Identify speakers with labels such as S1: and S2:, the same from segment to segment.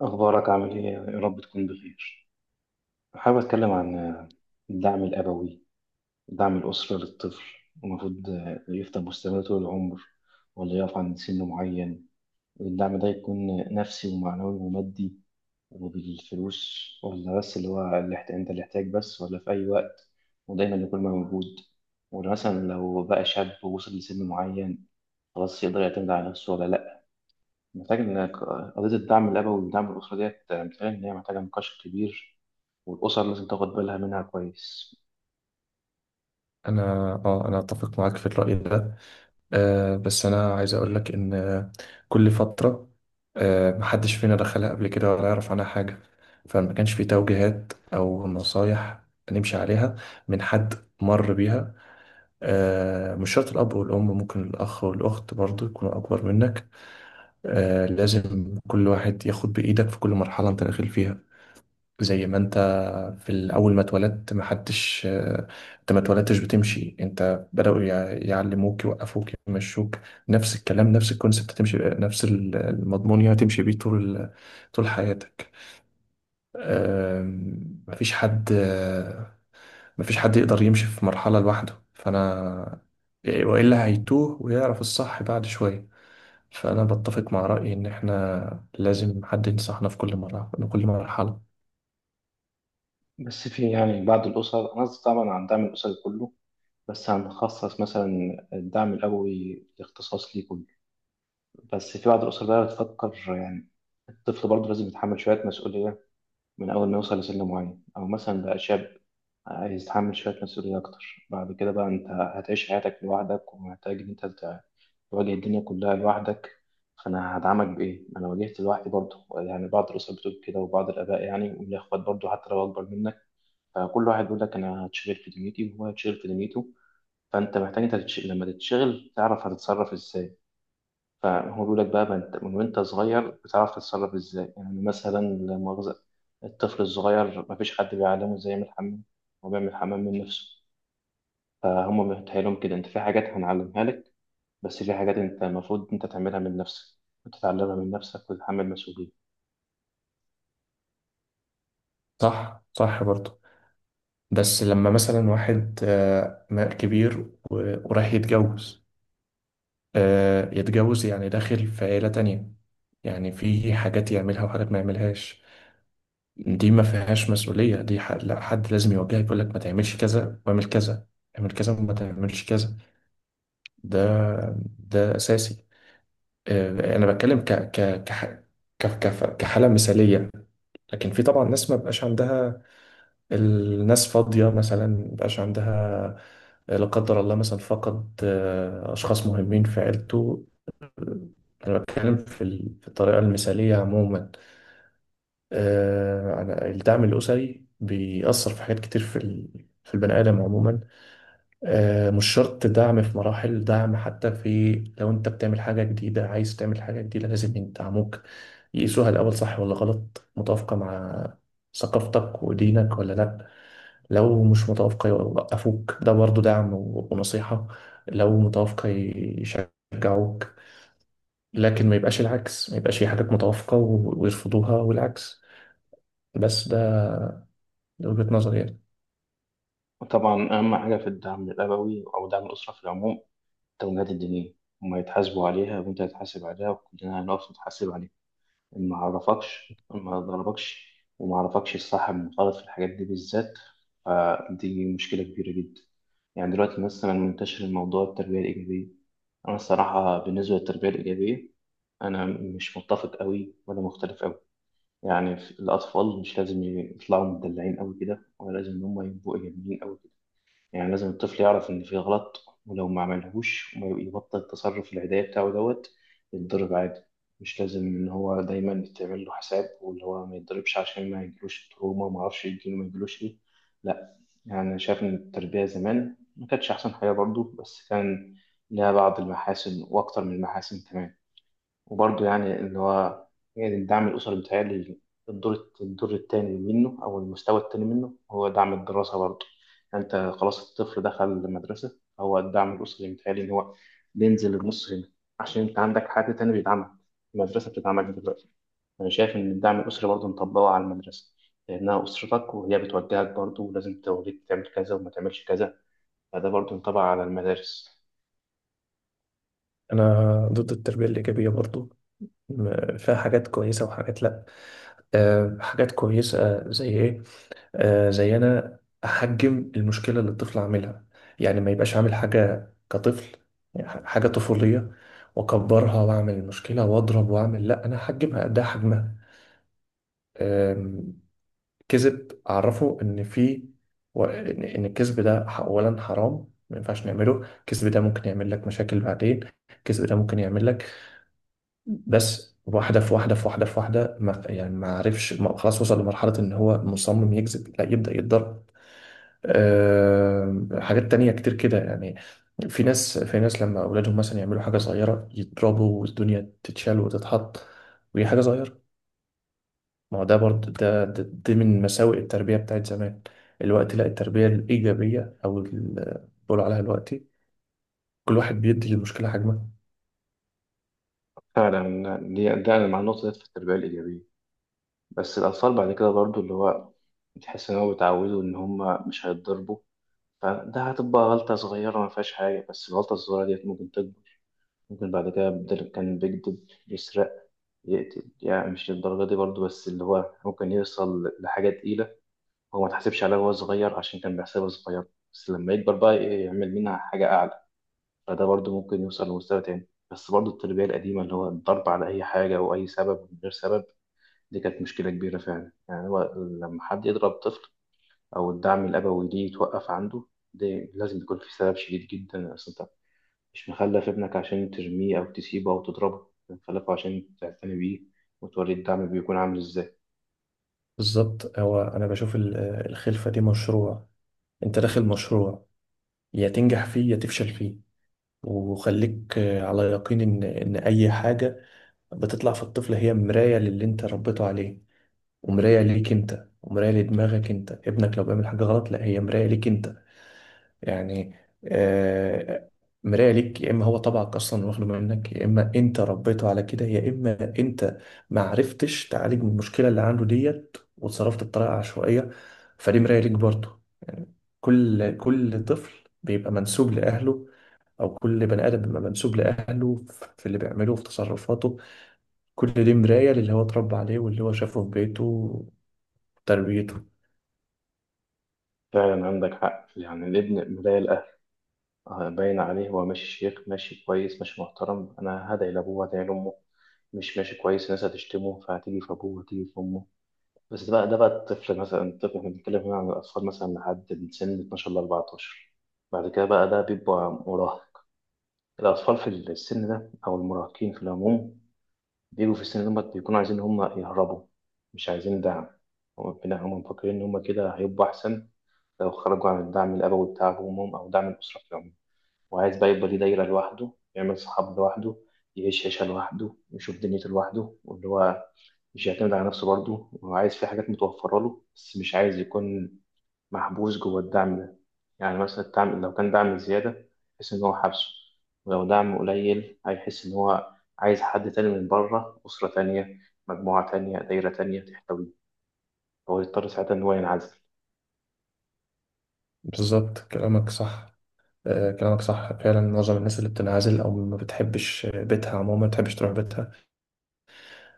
S1: أخبارك عامل إيه؟ يا رب تكون بخير. حابب أتكلم عن الدعم الأبوي، دعم الأسرة للطفل، المفروض يفضل مستمر طول العمر ولا يقف عند سن معين، والدعم ده يكون نفسي ومعنوي ومادي وبالفلوس ولا بس اللي هو أنت اللي يحتاج بس ولا في أي وقت ودايما يكون موجود، ولا مثلا لو بقى شاب ووصل لسن معين خلاص يقدر يعتمد على نفسه ولا لأ. محتاج إنك قضية الدعم الأبوي والدعم الأسري ديت محتاجة إن هي محتاجة نقاش كبير والأسر لازم تاخد بالها منها كويس.
S2: انا اه انا اتفق معاك في الرأي ده. آه بس انا عايز اقول لك ان كل فترة محدش فينا دخلها قبل كده ولا يعرف عنها حاجة، فما كانش في توجيهات او نصايح نمشي عليها من حد مر بيها. آه، مش شرط الاب والام، ممكن الاخ والاخت برضو يكونوا اكبر منك. آه، لازم كل واحد ياخد بايدك في كل مرحلة انت داخل فيها. زي ما انت في الاول ما اتولدت، ما حدش انت ما اتولدتش بتمشي، انت بدأوا يعلموك يوقفوك يمشوك. نفس الكلام، نفس الكونسبت، تمشي نفس المضمون، يعني تمشي بيه طول طول حياتك. مفيش حد مفيش حد يقدر يمشي في مرحلة لوحده، فانا والا هيتوه ويعرف الصح بعد شوية. فانا بتفق مع رأيي ان احنا لازم حد ينصحنا في كل مرة في كل مرحلة.
S1: بس في بعض الأسر، أنا قصدي طبعا عن الدعم الأسري كله، بس هنخصص مثلا الدعم الأبوي اختصاص ليه كله. بس في بعض الأسر بقى بتفكر الطفل برضه لازم يتحمل شوية مسؤولية من أول ما يوصل لسن معين أو مثلا بقى شاب، عايز تحمل شوية مسؤولية أكتر. بعد كده بقى أنت هتعيش حياتك لوحدك ومحتاج إن تواجه الدنيا كلها لوحدك. فأنا هدعمك بإيه؟ أنا واجهت لوحدي برضه. يعني بعض الأسر بتقول كده وبعض الآباء، يعني والإخوات برضه حتى لو أكبر منك، فكل واحد بيقول لك أنا هتشغل في دنيتي وهو هيتشغل في دنيته. فأنت محتاج لما تتشغل تعرف هتتصرف إزاي. فهو بيقول لك بقى من وأنت صغير بتعرف تتصرف إزاي. يعني مثلا لا مؤاخذة الطفل الصغير مفيش حد بيعلمه إزاي يعمل حمام، هو بيعمل حمام من نفسه. فهم متهيألهم كده انت في حاجات هنعلمها لك، بس في حاجات انت المفروض انت تعملها من نفسك وتتعلمها من نفسك وتتحمل مسؤولية.
S2: صح، صح برضه. بس لما مثلا واحد كبير و- ورايح يتجوز، يتجوز يعني داخل في عيلة تانية، يعني في حاجات يعملها وحاجات ما يعملهاش. دي ما فيهاش مسؤولية، دي لا، حد لازم يوجهك يقول لك ما تعملش كذا واعمل كذا، اعمل كذا وما تعملش كذا. ده ده أساسي. آه، أنا بتكلم ك ك كح- ك كف- كحالة مثالية. لكن في طبعا ناس ما بقاش عندها، الناس فاضية مثلا مبقاش عندها، لا قدر الله مثلا فقد أشخاص مهمين في عيلته. أنا بتكلم في في الطريقة المثالية عموما. آه، الدعم الأسري بيأثر في حاجات كتير في في البني آدم عموما. آه، مش شرط دعم في مراحل، دعم حتى في لو أنت بتعمل حاجة جديدة، عايز تعمل حاجة جديدة لازم يدعموك، يقيسوها الأول صح ولا غلط، متوافقة مع ثقافتك ودينك ولا لأ. لو مش متوافقة يوقفوك، ده برضو دعم ونصيحة. لو متوافقة يشجعوك. لكن ما يبقاش العكس، ما يبقاش في حاجات متوافقة ويرفضوها والعكس. بس ده ده وجهة نظري يعني.
S1: وطبعا أهم حاجة في الدعم الأبوي أو دعم الأسرة في العموم التوجيهات الدينية. هما يتحاسبوا عليها وأنت هتحاسب عليها وكلنا هنقف نتحاسب عليها. ما عرفكش، ما ضربكش، وما عرفكش الصح من الغلط في الحاجات دي بالذات، فدي مشكلة كبيرة جدا. يعني دلوقتي مثلا منتشر الموضوع، التربية الإيجابية. أنا الصراحة بالنسبة للتربية الإيجابية أنا مش متفق أوي ولا مختلف أوي. يعني الأطفال مش لازم يطلعوا مدلعين أوي كده، ولا لازم إن هم يبقوا إيجابيين أوي. يعني لازم الطفل يعرف إن في غلط، ولو ما عملهوش وما يبطل التصرف العدائي بتاعه دوت يتضرب عادي. مش لازم إن هو دايما يتعمل له حساب واللي هو ما يتضربش عشان ما يجيلوش تروما وما أعرفش يجيله ما يجيلوش إيه. لأ. يعني أنا شايف إن التربية زمان ما كانتش أحسن حاجة برضه، بس كان لها بعض المحاسن وأكتر من المحاسن كمان. وبرضه يعني إن هو، يعني الدعم الأسري بيتهيألي الدور التاني منه أو المستوى التاني منه هو دعم الدراسة برضه. يعني أنت خلاص الطفل دخل المدرسة، هو الدعم الأسري بيتهيألي إن هو بينزل النص هنا عشان أنت عندك حد تاني بيدعمك، المدرسة بتدعمك دلوقتي. أنا شايف إن الدعم الأسري برضه نطبقه على المدرسة، لأنها أسرتك وهي بتوجهك برضه ولازم توريك تعمل كذا وما تعملش كذا. فده برضه ينطبق على المدارس.
S2: انا ضد التربيه الايجابيه برضو. فيها حاجات كويسه وحاجات لا. أه، حاجات كويسه زي ايه؟ آه، زي احجم المشكله اللي الطفل عاملها، يعني ما يبقاش عامل حاجه كطفل، يعني حاجه طفوليه واكبرها واعمل المشكله واضرب واعمل، لا انا احجمها قدها حجمها. آم، كذب اعرفه ان في ان إن الكذب ده اولا حرام، ما ينفعش نعمله، الكذب ده ممكن يعمل لك مشاكل بعدين، الكذب ده ممكن يعمل لك بس واحده ما يعني ما عرفش خلاص وصل لمرحله ان هو مصمم يكذب، لا يبدا يتضرر. آه، حاجات تانية كتير كده يعني. في ناس لما أولادهم مثلا يعملوا حاجة صغيرة يضربوا والدنيا تتشال وتتحط وهي حاجة صغيرة. ما هو ده برضه، ده دي من مساوئ التربية بتاعت زمان الوقت، لا التربية الإيجابية أو اللي بيقولوا عليها دلوقتي، كل واحد بيدي للمشكلة حجمها.
S1: فعلا دي ده مع النقطة دي في التربية الإيجابية. بس الأطفال بعد كده برضو اللي هو بتحس إن هو بيتعودوا إن هما مش هيتضربوا، فده هتبقى غلطة صغيرة ما فيهاش حاجة، بس الغلطة الصغيرة ديت ممكن تكبر. ممكن بعد كده بدل كان بيكذب يسرق، يقتل، يعني مش للدرجة دي برضو، بس اللي هو ممكن يوصل لحاجة تقيلة هو ما تحسبش عليها وهو صغير عشان كان بيحسبها صغير، بس لما يكبر بقى يعمل منها حاجة أعلى. فده برضو ممكن يوصل لمستوى تاني. بس برضو التربية القديمة اللي هو الضرب على أي حاجة وأي سبب من غير سبب، دي كانت مشكلة كبيرة فعلا. يعني هو لما حد يضرب طفل أو الدعم الأبوي ليه يتوقف عنده، ده لازم يكون في سبب شديد جدا. أصل أنت مش مخلف ابنك عشان ترميه أو تسيبه أو تضربه، أنت مخلفه عشان تعتني بيه وتوري الدعم بيكون عامل إزاي.
S2: بالظبط، هو أنا بشوف الخلفة دي مشروع، أنت داخل مشروع، يا تنجح فيه يا تفشل فيه. وخليك على يقين إن أي حاجة بتطلع في الطفل هي مراية للي انت ربيته عليه، ومراية ليك انت، ومراية لدماغك انت. ابنك لو بيعمل حاجة غلط، لا هي مراية ليك انت يعني. آه، مراية ليك، يا اما هو طبعك اصلا واخده منك، يا اما انت ربيته على كده، يا اما انت ما عرفتش تعالج من المشكلة اللي عنده ديت وتصرفت بطريقة عشوائية. فدي مراية ليك برضه يعني. كل طفل بيبقى منسوب لأهله، أو كل بني آدم بيبقى منسوب لأهله في اللي بيعمله في تصرفاته. كل دي مراية للي هو اتربى عليه واللي هو شافه في بيته وتربيته.
S1: فعلا عندك حق، يعني الابن مراية الأهل. باين عليه هو ماشي شيخ، ماشي كويس، ماشي محترم، أنا هدعي لأبوه هدعي لأمه. مش ماشي كويس، الناس هتشتمه فهتيجي في أبوه هتيجي في أمه. بس ده بقى، الطفل مثلا، الطفل، احنا بنتكلم هنا عن الأطفال مثلا لحد من سن 12 ل 14. بعد كده بقى ده بيبقى مراهق. الأطفال في السن ده أو المراهقين في العموم، بيجوا في السن ده بيكونوا عايزين هم يهربوا، مش عايزين دعم. هم هم مفكرين إن هم كده هيبقوا أحسن لو خرجوا عن الدعم الأبوي بتاع أبوهم أو دعم الأسرة في العموم. وعايز بقى يبقى ليه دايرة لوحده، يعمل صحاب لوحده، يعيش عيشة لوحده، يشوف دنيته لوحده، واللي هو مش يعتمد على نفسه برضه، وعايز في حاجات متوفرة له بس مش عايز يكون محبوس جوه الدعم ده. يعني مثلا الدعم لو كان دعم زيادة يحس إن هو حابسه، ولو دعم قليل هيحس إن هو عايز حد تاني من بره، أسرة تانية، مجموعة تانية، دايرة تانية تحتويه. هو يضطر ساعتها إن هو ينعزل.
S2: بالظبط، كلامك صح. آه، كلامك صح فعلا. معظم الناس اللي بتنعزل أو ما بتحبش بيتها عموما ما بتحبش تروح بيتها،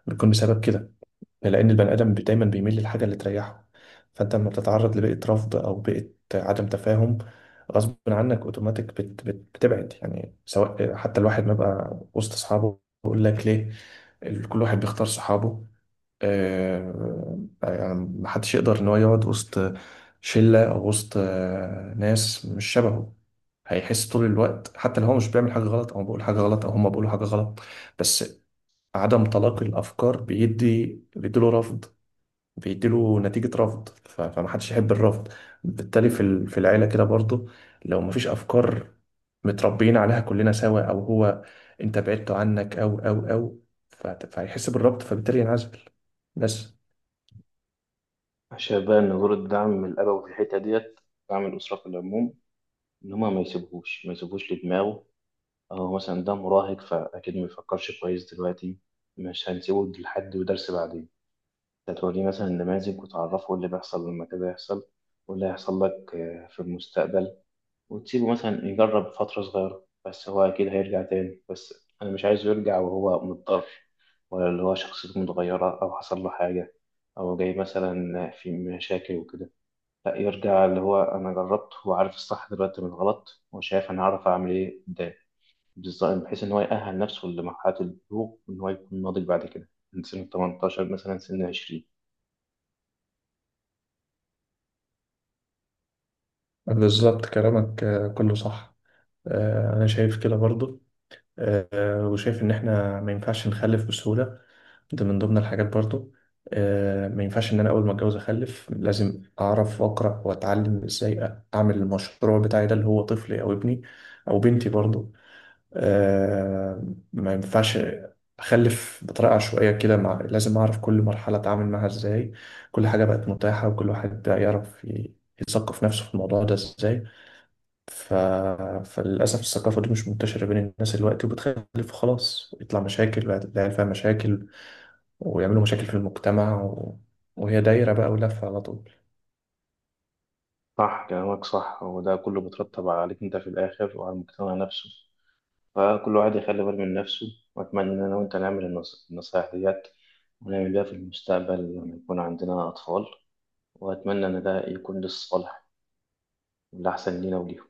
S2: بيكون بسبب كده. لأن البني آدم دايما بيميل للحاجة اللي تريحه. فأنت لما بتتعرض لبيئة رفض أو بيئة عدم تفاهم، غصب عنك أوتوماتيك بت بتبعد، يعني سواء حتى الواحد ما بقى وسط أصحابه. يقول لك ليه؟ كل واحد بيختار صحابه. آه، آه، يعني محدش يقدر ان هو يقعد وسط شلة او وسط ناس مش شبهه. هيحس طول الوقت حتى لو هو مش بيعمل حاجة غلط او بيقول حاجة غلط او هما بيقولوا حاجة غلط، بس عدم تلاقي الافكار بيديله رفض، بيديله نتيجة رفض. فمحدش يحب الرفض. بالتالي في في العيلة كده برضو، لو مفيش افكار متربيين عليها كلنا سوا، او هو انت بعدت عنك او فهيحس بالربط، فبالتالي ينعزل. بس
S1: أنا شايف بقى إن دور الدعم الأبوي في الحتة ديت، دعم الأسرة في العموم، إن هما ما يسيبوهوش لدماغه. أو مثلا ده مراهق فأكيد ما يفكرش كويس دلوقتي، مش هنسيبه لحد ودرس بعدين. انت توريه مثلا النماذج وتعرفه ايه اللي بيحصل لما كذا يحصل واللي هيحصل لك في المستقبل. وتسيبه مثلا يجرب فترة صغيرة، بس هو أكيد هيرجع تاني. بس أنا مش عايزه يرجع وهو مضطر، ولا اللي هو شخصيته متغيرة أو حصل له حاجة أو جاي مثلا في مشاكل وكده. لا، يرجع اللي هو أنا جربت وعارف الصح دلوقتي من الغلط، وشايف أنا هعرف أعمل إيه قدام. بالظبط، بحيث إن هو يأهل نفسه لمرحلة البلوغ وإن هو يكون ناضج بعد كده من سن 18 مثلا سن 20.
S2: بالظبط، كلامك آه، كله صح. آه، انا شايف كده برضو. آه، وشايف ان احنا ما ينفعش نخلف بسهولة، ده من ضمن الحاجات برضو. آه، ما ينفعش ان انا اول ما اتجوز اخلف، لازم اعرف واقرا واتعلم ازاي اعمل المشروع بتاعي ده اللي هو طفلي او ابني او بنتي برضو. آه، ما ينفعش اخلف بطريقه عشوائيه كده. مع... لازم اعرف كل مرحله اتعامل معاها ازاي. كل حاجه بقت متاحه وكل واحد بقى يعرف يثقف نفسه في الموضوع ده ازاي. ف... فللأسف الثقافة دي مش منتشرة بين الناس دلوقتي، وبتخلف خلاص يطلع مشاكل، العيال فيها مشاكل ويعملوا مشاكل في المجتمع و... وهي دايرة بقى ولفة على طول.
S1: صح كلامك صح، وده كله بيترتب عليك انت في الاخر وعلى المجتمع نفسه. فكل واحد يخلي باله من نفسه. واتمنى ان انا وانت نعمل النصايح ديت ونعمل بيها في المستقبل لما يكون عندنا اطفال. واتمنى ان ده يكون للصالح والاحسن لينا وليهم.